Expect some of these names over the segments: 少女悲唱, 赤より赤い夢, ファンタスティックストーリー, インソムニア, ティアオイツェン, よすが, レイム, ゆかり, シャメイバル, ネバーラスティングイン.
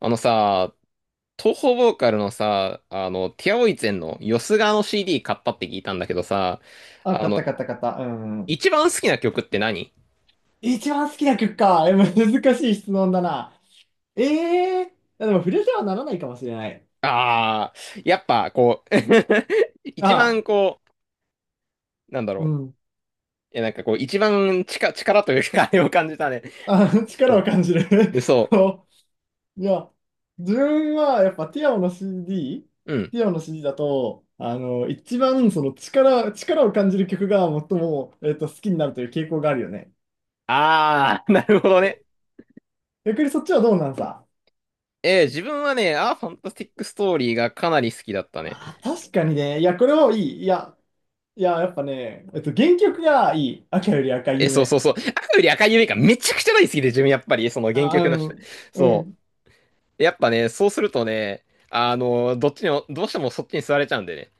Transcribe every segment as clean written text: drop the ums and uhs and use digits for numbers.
あのさ、東方ボーカルのさ、ティアオイツェンのよすがの CD 買ったって聞いたんだけどさ、あ、あ買っの、た買った買った。うん。一番好きな曲って何？一番好きな曲か。え、難しい質問だな。ええー、でも触れてはならないかもしれない。ああー、やっぱこう、 一あ番あ、こう、なんだうろう。ん。いや、なんかこう、一番力というか、あれを感じたね。あ、そ力をう。感じる。でそそう。いや、自分はやっぱティアオの CD、うん。ティアオの CD だと、一番その力を感じる曲が最も、好きになるという傾向があるよね。ああ、なるほどね。逆にそっちはどうなんさ。自分はね、ファンタスティックストーリーがかなり好きだったね。あー、確かにね。いや、これもいい。いや、やっぱね、原曲がいい。赤より赤いえ、そうそ夢。うそう。赤より赤い夢がめちゃくちゃ大好きで、自分やっぱり、その原あ、曲のう人。ん、うそん。う。やっぱね、そうするとね、どっちにも、どうしてもそっちに座れちゃうんでね。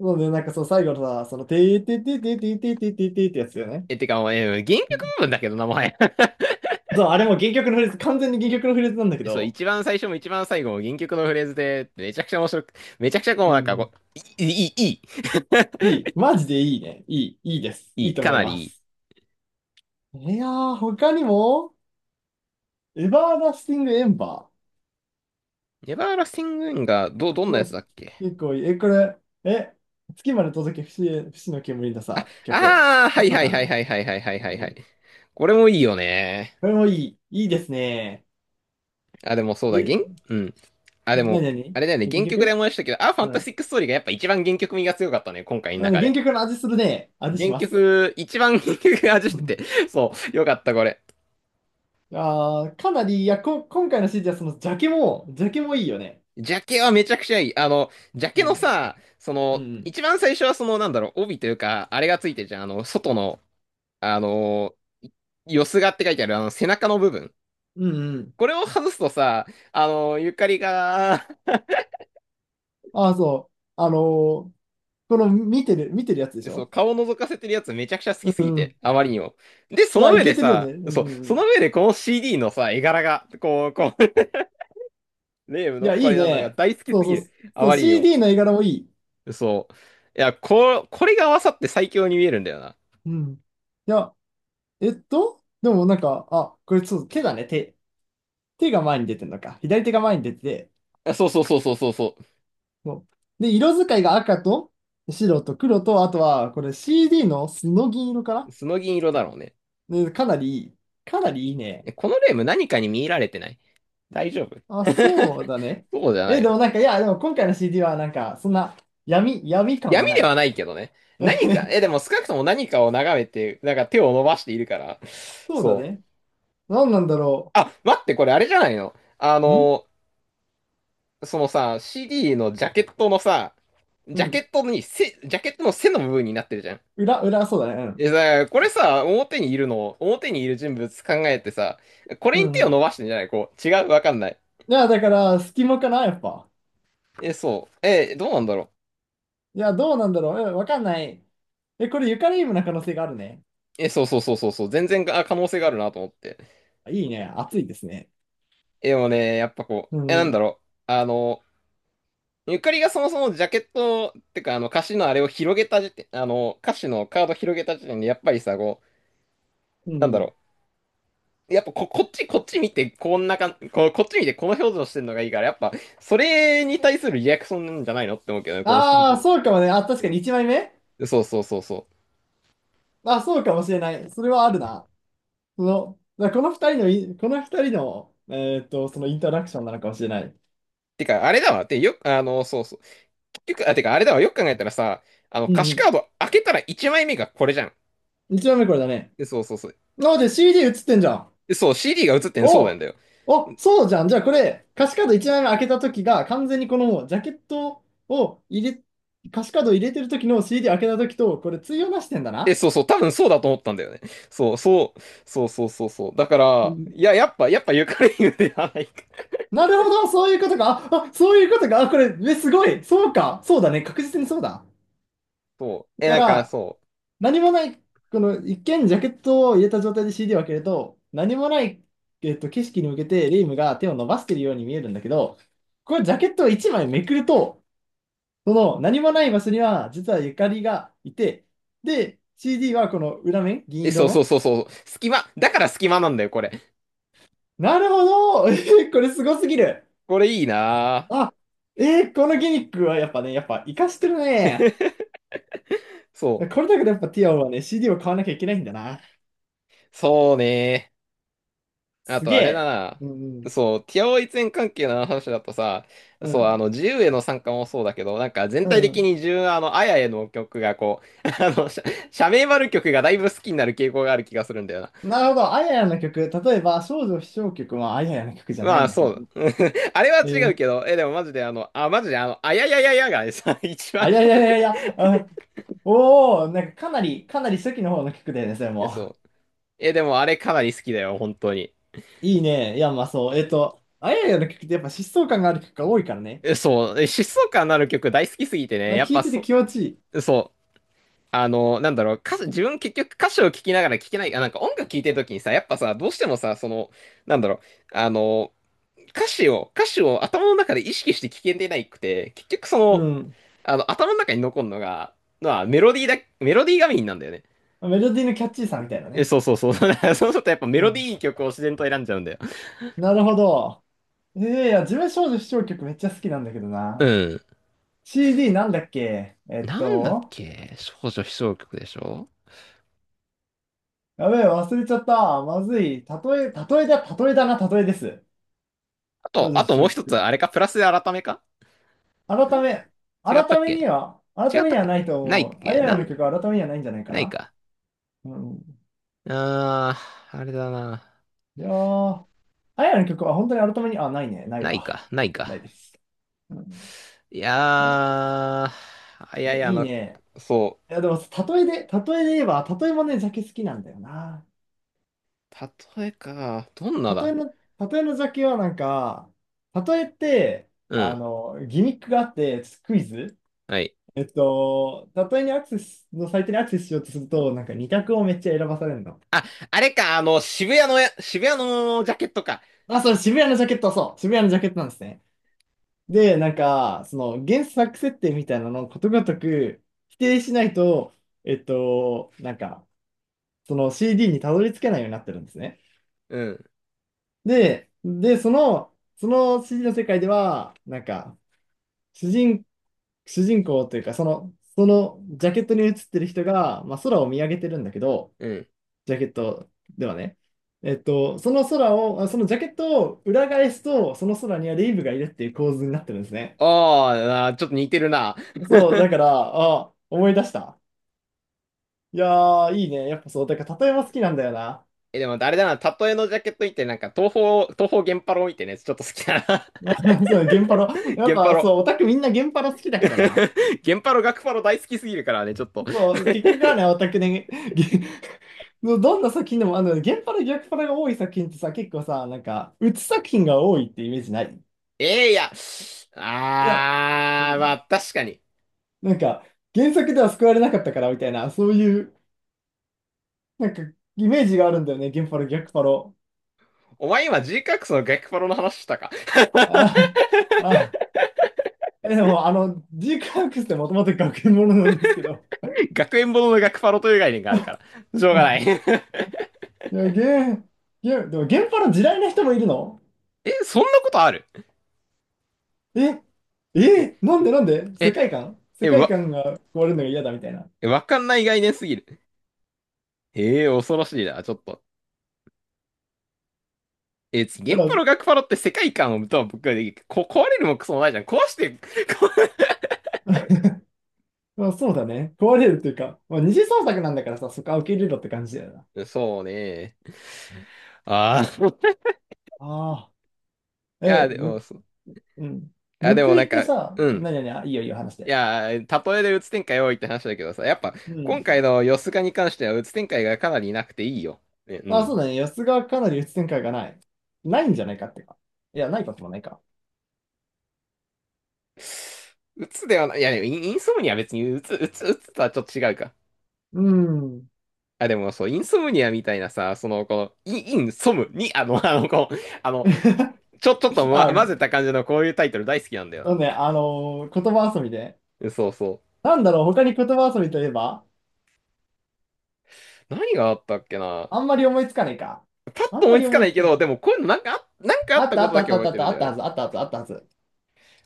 そうね、そう、最後のさ、その、てーてーてーてーてーてーてーてーてーってやつだよね。え、てか、もう、え、原曲うん。部分だけどな、もはや。そう、あれも原曲のフレーズ、完全に原曲のフレーズなんだけそう、ど、一番最初も一番最後も原曲のフレーズで、めちゃくちゃこうう、なんかん、こう、いい、いい。マジでいいね。いい、いいです。いいいい、とか思いなりまいい。す。いやー、他にも、エバーダスティングエンバネバーラスティングインが、どんー。なうやつだん。っけ？結構いい。え、これ、え、月まで届け、不の煙のあ、さ、曲。あーはよいかっはいたはいな。はいはいはいはいはいうはん。い。これもいいよね。これもいい。いいですね。あ、でもそうだ、原、え、うん。あ、でなにも、なあにれだよね、原原曲で曲。思い出したけど、あ、ファうンタスん。ティックストーリーがやっぱ一番原曲味が強かったね、今回あのの中原で。曲の味するね。味し原ます。曲、一番 原曲が味うしん。てて、そう、よかった、これ。あーかなり、今回の CD はそのジャケも、ジャケもいいよね。ジャケはめちゃくちゃいい。ジャうケのん。さ、うん。一番最初はその、帯というか、あれがついてるじゃん。外の、あの、よすがって書いてある、あの、背中の部分。うんうん。これを外すとさ、ゆかりが、ああ、そう。ーこの見てるやつでし そう、ょ。顔を覗かせてるやつめちゃくちゃ好うきすぎん。て、あまりにも。で、そいや、のい上でけてるよね。さ、うんそう、うそのん。上でこの CD のさ、絵柄が、こう、レイムいのや、いこいれなのがね。大好きそうすそぎる。う。あそう、まりにも。CD の絵柄もいい。そう。これが合わさって最強に見えるんだよな。うん。いや、でもなんか、あ、これそう、手だね。手。手が前に出てるのか。左手が前に出てて、あ、そうそうそうそうそうそそう。で、色使いが赤と白と黒と、あとは、これ CD のスノ銀色かう。な。スノ銀色だろうね。ねかなりいい、かなりいいね。え、このレーム何かに見入られてない？大丈夫？ あ、そうだね。そうじゃなえ、いでよ。もなんか、いや、でも今回の CD はなんか、そんな闇感闇はなでい。はないけどね。何か、え、で も少なくとも何かを眺めて、なんか手を伸ばしているから。そうだそう。ね。何なんだろあ、待って、これあれじゃないの？あう。んの、そのさ、CD のジャケットのさ、うん。ジャケットの背の部分になってるじゃん。裏、そうだね。うえ、ん。だからこれさ、表にいる人物考えてさ、こうれにん手うを伸ん。ばしてんじゃない？こう、違う、わかんない。いや、だから、隙間かな、やっぱ。え、そう。え、どうなんだろいや、どうなんだろう。えわかんない。え、これ、ユカリームな可能性があるね。う。え、そうそうそうそうそう、全然あ可能性があるなと思って。いいね。熱いですね。え、でもね、やっぱこう、うえ、なんだん。ろう。あの、ゆかりがそもそもジャケット、ってか、歌詞のあれを広げた時点、歌詞のカード広げた時点で、やっぱりさ、こうう、なんだん。ろう。やっぱこ、こっち、こっち見て、こんなかん、こ、こっち見て、この表情してんのがいいから、やっぱ、それに対するリアクションなんじゃないのって思うけどね、この ああ、CD。そうかもね。あ、確かに1枚目。そうそうそうそう。あ、そうかもしれない。それはあるな。その、だからこの2人のこの二人の、そのインタラクションなのかもしれない。てか、あれだわ。てよ、あの、そうそう。結局、あ、てか、あれだわ。よく考えたらさ、うん歌詞うカード開けたら1枚目がこれじゃん。ん。1枚目これだね。で、そうそうそう。あ、で CD 映ってんじゃん。で、そう、CD が映ってんのそうなんおだよ。お、そうじゃん。じゃあこれ、歌詞カード1枚目開けた時が、完全にこのジャケットを入れ、歌詞カードを入れてる時の CD 開けた時と、これ対応なしてんだえ、な。そうそう、多分そうだと思ったんだよね。そう、そう、そうそうそうそう。だかうら、ん。やっぱゆかり言うではないか。なるほど、そういうことか。あ、そういうことか。あ、これ、え、すごい。そうか。そうだね。確実にそうだ。そう。だえ、かなんか、ら、そう。何もない、この一見ジャケットを入れた状態で CD を開けると、何もない、景色に向けてレイムが手を伸ばしているように見えるんだけど、これジャケットを1枚めくると、その何もない場所には実はゆかりがいて、で、CD はこの裏面、銀え、色そうそうの。そうそう。隙間、だから隙間なんだよ、これ。なるほど、えーこれすごすぎる。これいいなあ、えーこのギミックはやっぱね、やっぱ活かしてるね。ぁ。そう。これだけでやっぱティアオはね、CD を買わなきゃいけないんだな。そうね。あすとげあれだえ。な。うんそう、ティアオイツェン関係の話だとさ、うん。うそう、ん。自由への参加もそうだけど、なんか全う体んう的ん。に自分、あやへの曲がこう、シャメイバル曲がだいぶ好きになる傾向がある気がするんだよな。なるほど。あややの曲。例えば、少女飛翔曲はあややの曲じゃなまいあ、んだけそど。う。あれえは違うー、けど、え、でもマジであの、あ、マジであの、あややややがさ、一番あ、いやいこやう、いやいや、あ、おお、なんかかなり、かなり初期の方の曲だよね、それえ、も。そう。え、でもあれかなり好きだよ、本当に。いいね。いや、まあそう。あややの曲ってやっぱ疾走感がある曲が多いからね。え、そう。え、疾走感のある曲大好きすぎてね、なんやかっ聞いぱててそ、気持ちいい。そう。自分結局歌詞を聞きながら聞けない、あ、なんか音楽聴いてる時にさ、やっぱさ、どうしてもさ、その、なんだろう、あの、歌詞を頭の中で意識して聞けてないくて、結局そうの、ん。頭の中に残るのが、メロディーがメインなんだよね。メロディーのキャッチーさみたいなえ、ね。そうそうそう。そうするとやっぱメうロデん。ィー曲を自然と選んじゃうんだよ。なるほど。えー、いや、自分少女視聴曲めっちゃ好きなんだけどうな。ん。CD なんだっけなんだっけ少女悲唱曲でしょ？やべえ、忘れちゃった。まずい。例えだ、例えだな、例えです。あと、あと私もうの一つ、曲。あれか、プラスで改めかん？改め、違った改っめにけ？は、違改っめたにっはけ？ないとないっ思う。あけややなのん、曲は改めにはないんじゃないかないな。か。うん。ああ、あれだな。いやー、あややの曲は本当に改めに、あ、ないね、ないないわ。か、ないないか。です。うん、いやー、いいやや、いいや、あいの、ね。そいや、でも、例えで言えば、例えもね、ジャケ好きなんだよな。う。例えか、どんな例えだ。の、例えのジャケはなんか、例えって、うん、ギミックがあって、クイズ、はい。例えにアクセスのサイトにアクセスしようとすると、なんか2択をめっちゃ選ばされるの。あ、あれか、渋谷のジャケットか。あ、それ渋谷のジャケット、そう、渋谷のジャケットなんですね。で、なんか、その原作設定みたいなのをことごとく否定しないと、えっと、なんか、その CD にたどり着けないようになってるんですね。うん、で、その CD の世界では、なんか、主人、主人公というか、その、そのジャケットに写ってる人が、まあ、空を見上げてるんだけど、うん。ジャケットではね。その空を、あそのジャケットを裏返すと、その空にはレイブがいるっていう構図になってるんですね。あーあー、ちょっと似てるな。そう、だから、あ、思い出した。いやー、いいね。やっぱそう、だから例えば好きなんだよな。え、でも、あれだな、例えのジャケット見て、なんか、東方源パロ見てね、ちょっと好きだな。あそう、ゲンパロ。やっ源パぱロ。そう、オタクみんなゲンパロ好きだからな。源パロ、学パロ大好きすぎるからね、ちょっと。そう、結局はね、オタクね、ゲ、ど どんな作品でも、ゲンパロ、逆パロが多い作品ってさ、結構さ、なんか、鬱作品が多いってイメージない？えーいや、いや、うあー、まん。あ、確かに。なんか、原作では救われなかったからみたいな、そういう、なんか、イメージがあるんだよね、ゲンパロ、逆パロ。お前今 G カックスの学パロの話したか？ あ ああ。え、でも、ジークアークスってもともと学園ものなんですけど。学園ものの学パロという概念があるか ら。しょうがない。 え、いや、ー、ゲー、でも、現場の地雷な人もいるの？そんなことある？え、え、なんでなんでえ、世え、界わ、観が壊れるのが嫌だみたいな。い、わかんない概念すぎる。ええー、恐ろしいな、ちょっと。え、原パロ学パロって世界観をとは僕はできる。こ、壊れるもクソもないじゃん。壊して、壊まあ、そうだね。壊れるっていうか、まあ、二次創作なんだからさ、そこは受け入れろって感じだよな。れ、そうね。ああ。ああ、いや、でも、そう。いうん。や、で報もなんいってか、さ、うん。なになに、あいいよいいよ、話しいて。やー、例えでうつ展開多いって話だけどさ、やっぱう今回ん。のヨスがに関してはうつ展開がかなりなくていいよ。ね、うあ、そうん。だね。安がかなり鬱展開がない。ないんじゃないかってか。いや、ないこともないか。うつではない、でも、インインソムニアは別にうつとはちょっと違うか。うん。あ、でもそう、インソムニアみたいなさ、その、この、イン、インソムに、あの、ちょっと、ま、あ、混ぜた感じのこういうタイトル大好きなんだよそな。うね、言葉遊びで。えそうそなんだろう、他に言葉遊びといえばう。何があったっけな。あんまり思いつかないか。パッあとん思まいりつか思ないいつけかなど、でい。もこういうのなんかあ、なんかああっったたあこっとただあっけたあっ覚えたあってるたんあだっよたはね。ず、あったはず、あったはず。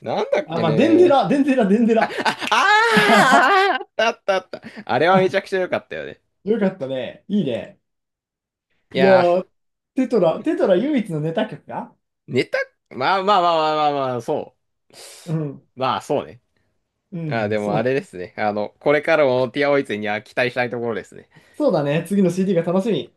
なんだっあ、けまあ、ね。デンデあラ。あーあー、あったあったあった。あれはめちゃあくちゃ良かったよね。よかったね。いいね。いいややー、ー、テトラ唯一のネタ曲か。ネタ、まあまあまあまあまあまあ、そうん。う。まあそうね。うあー、ん、でもそあうれでだ。すね。あの、これからもティアオイツには期待したいところですね。そうだね。次の CD が楽しみ。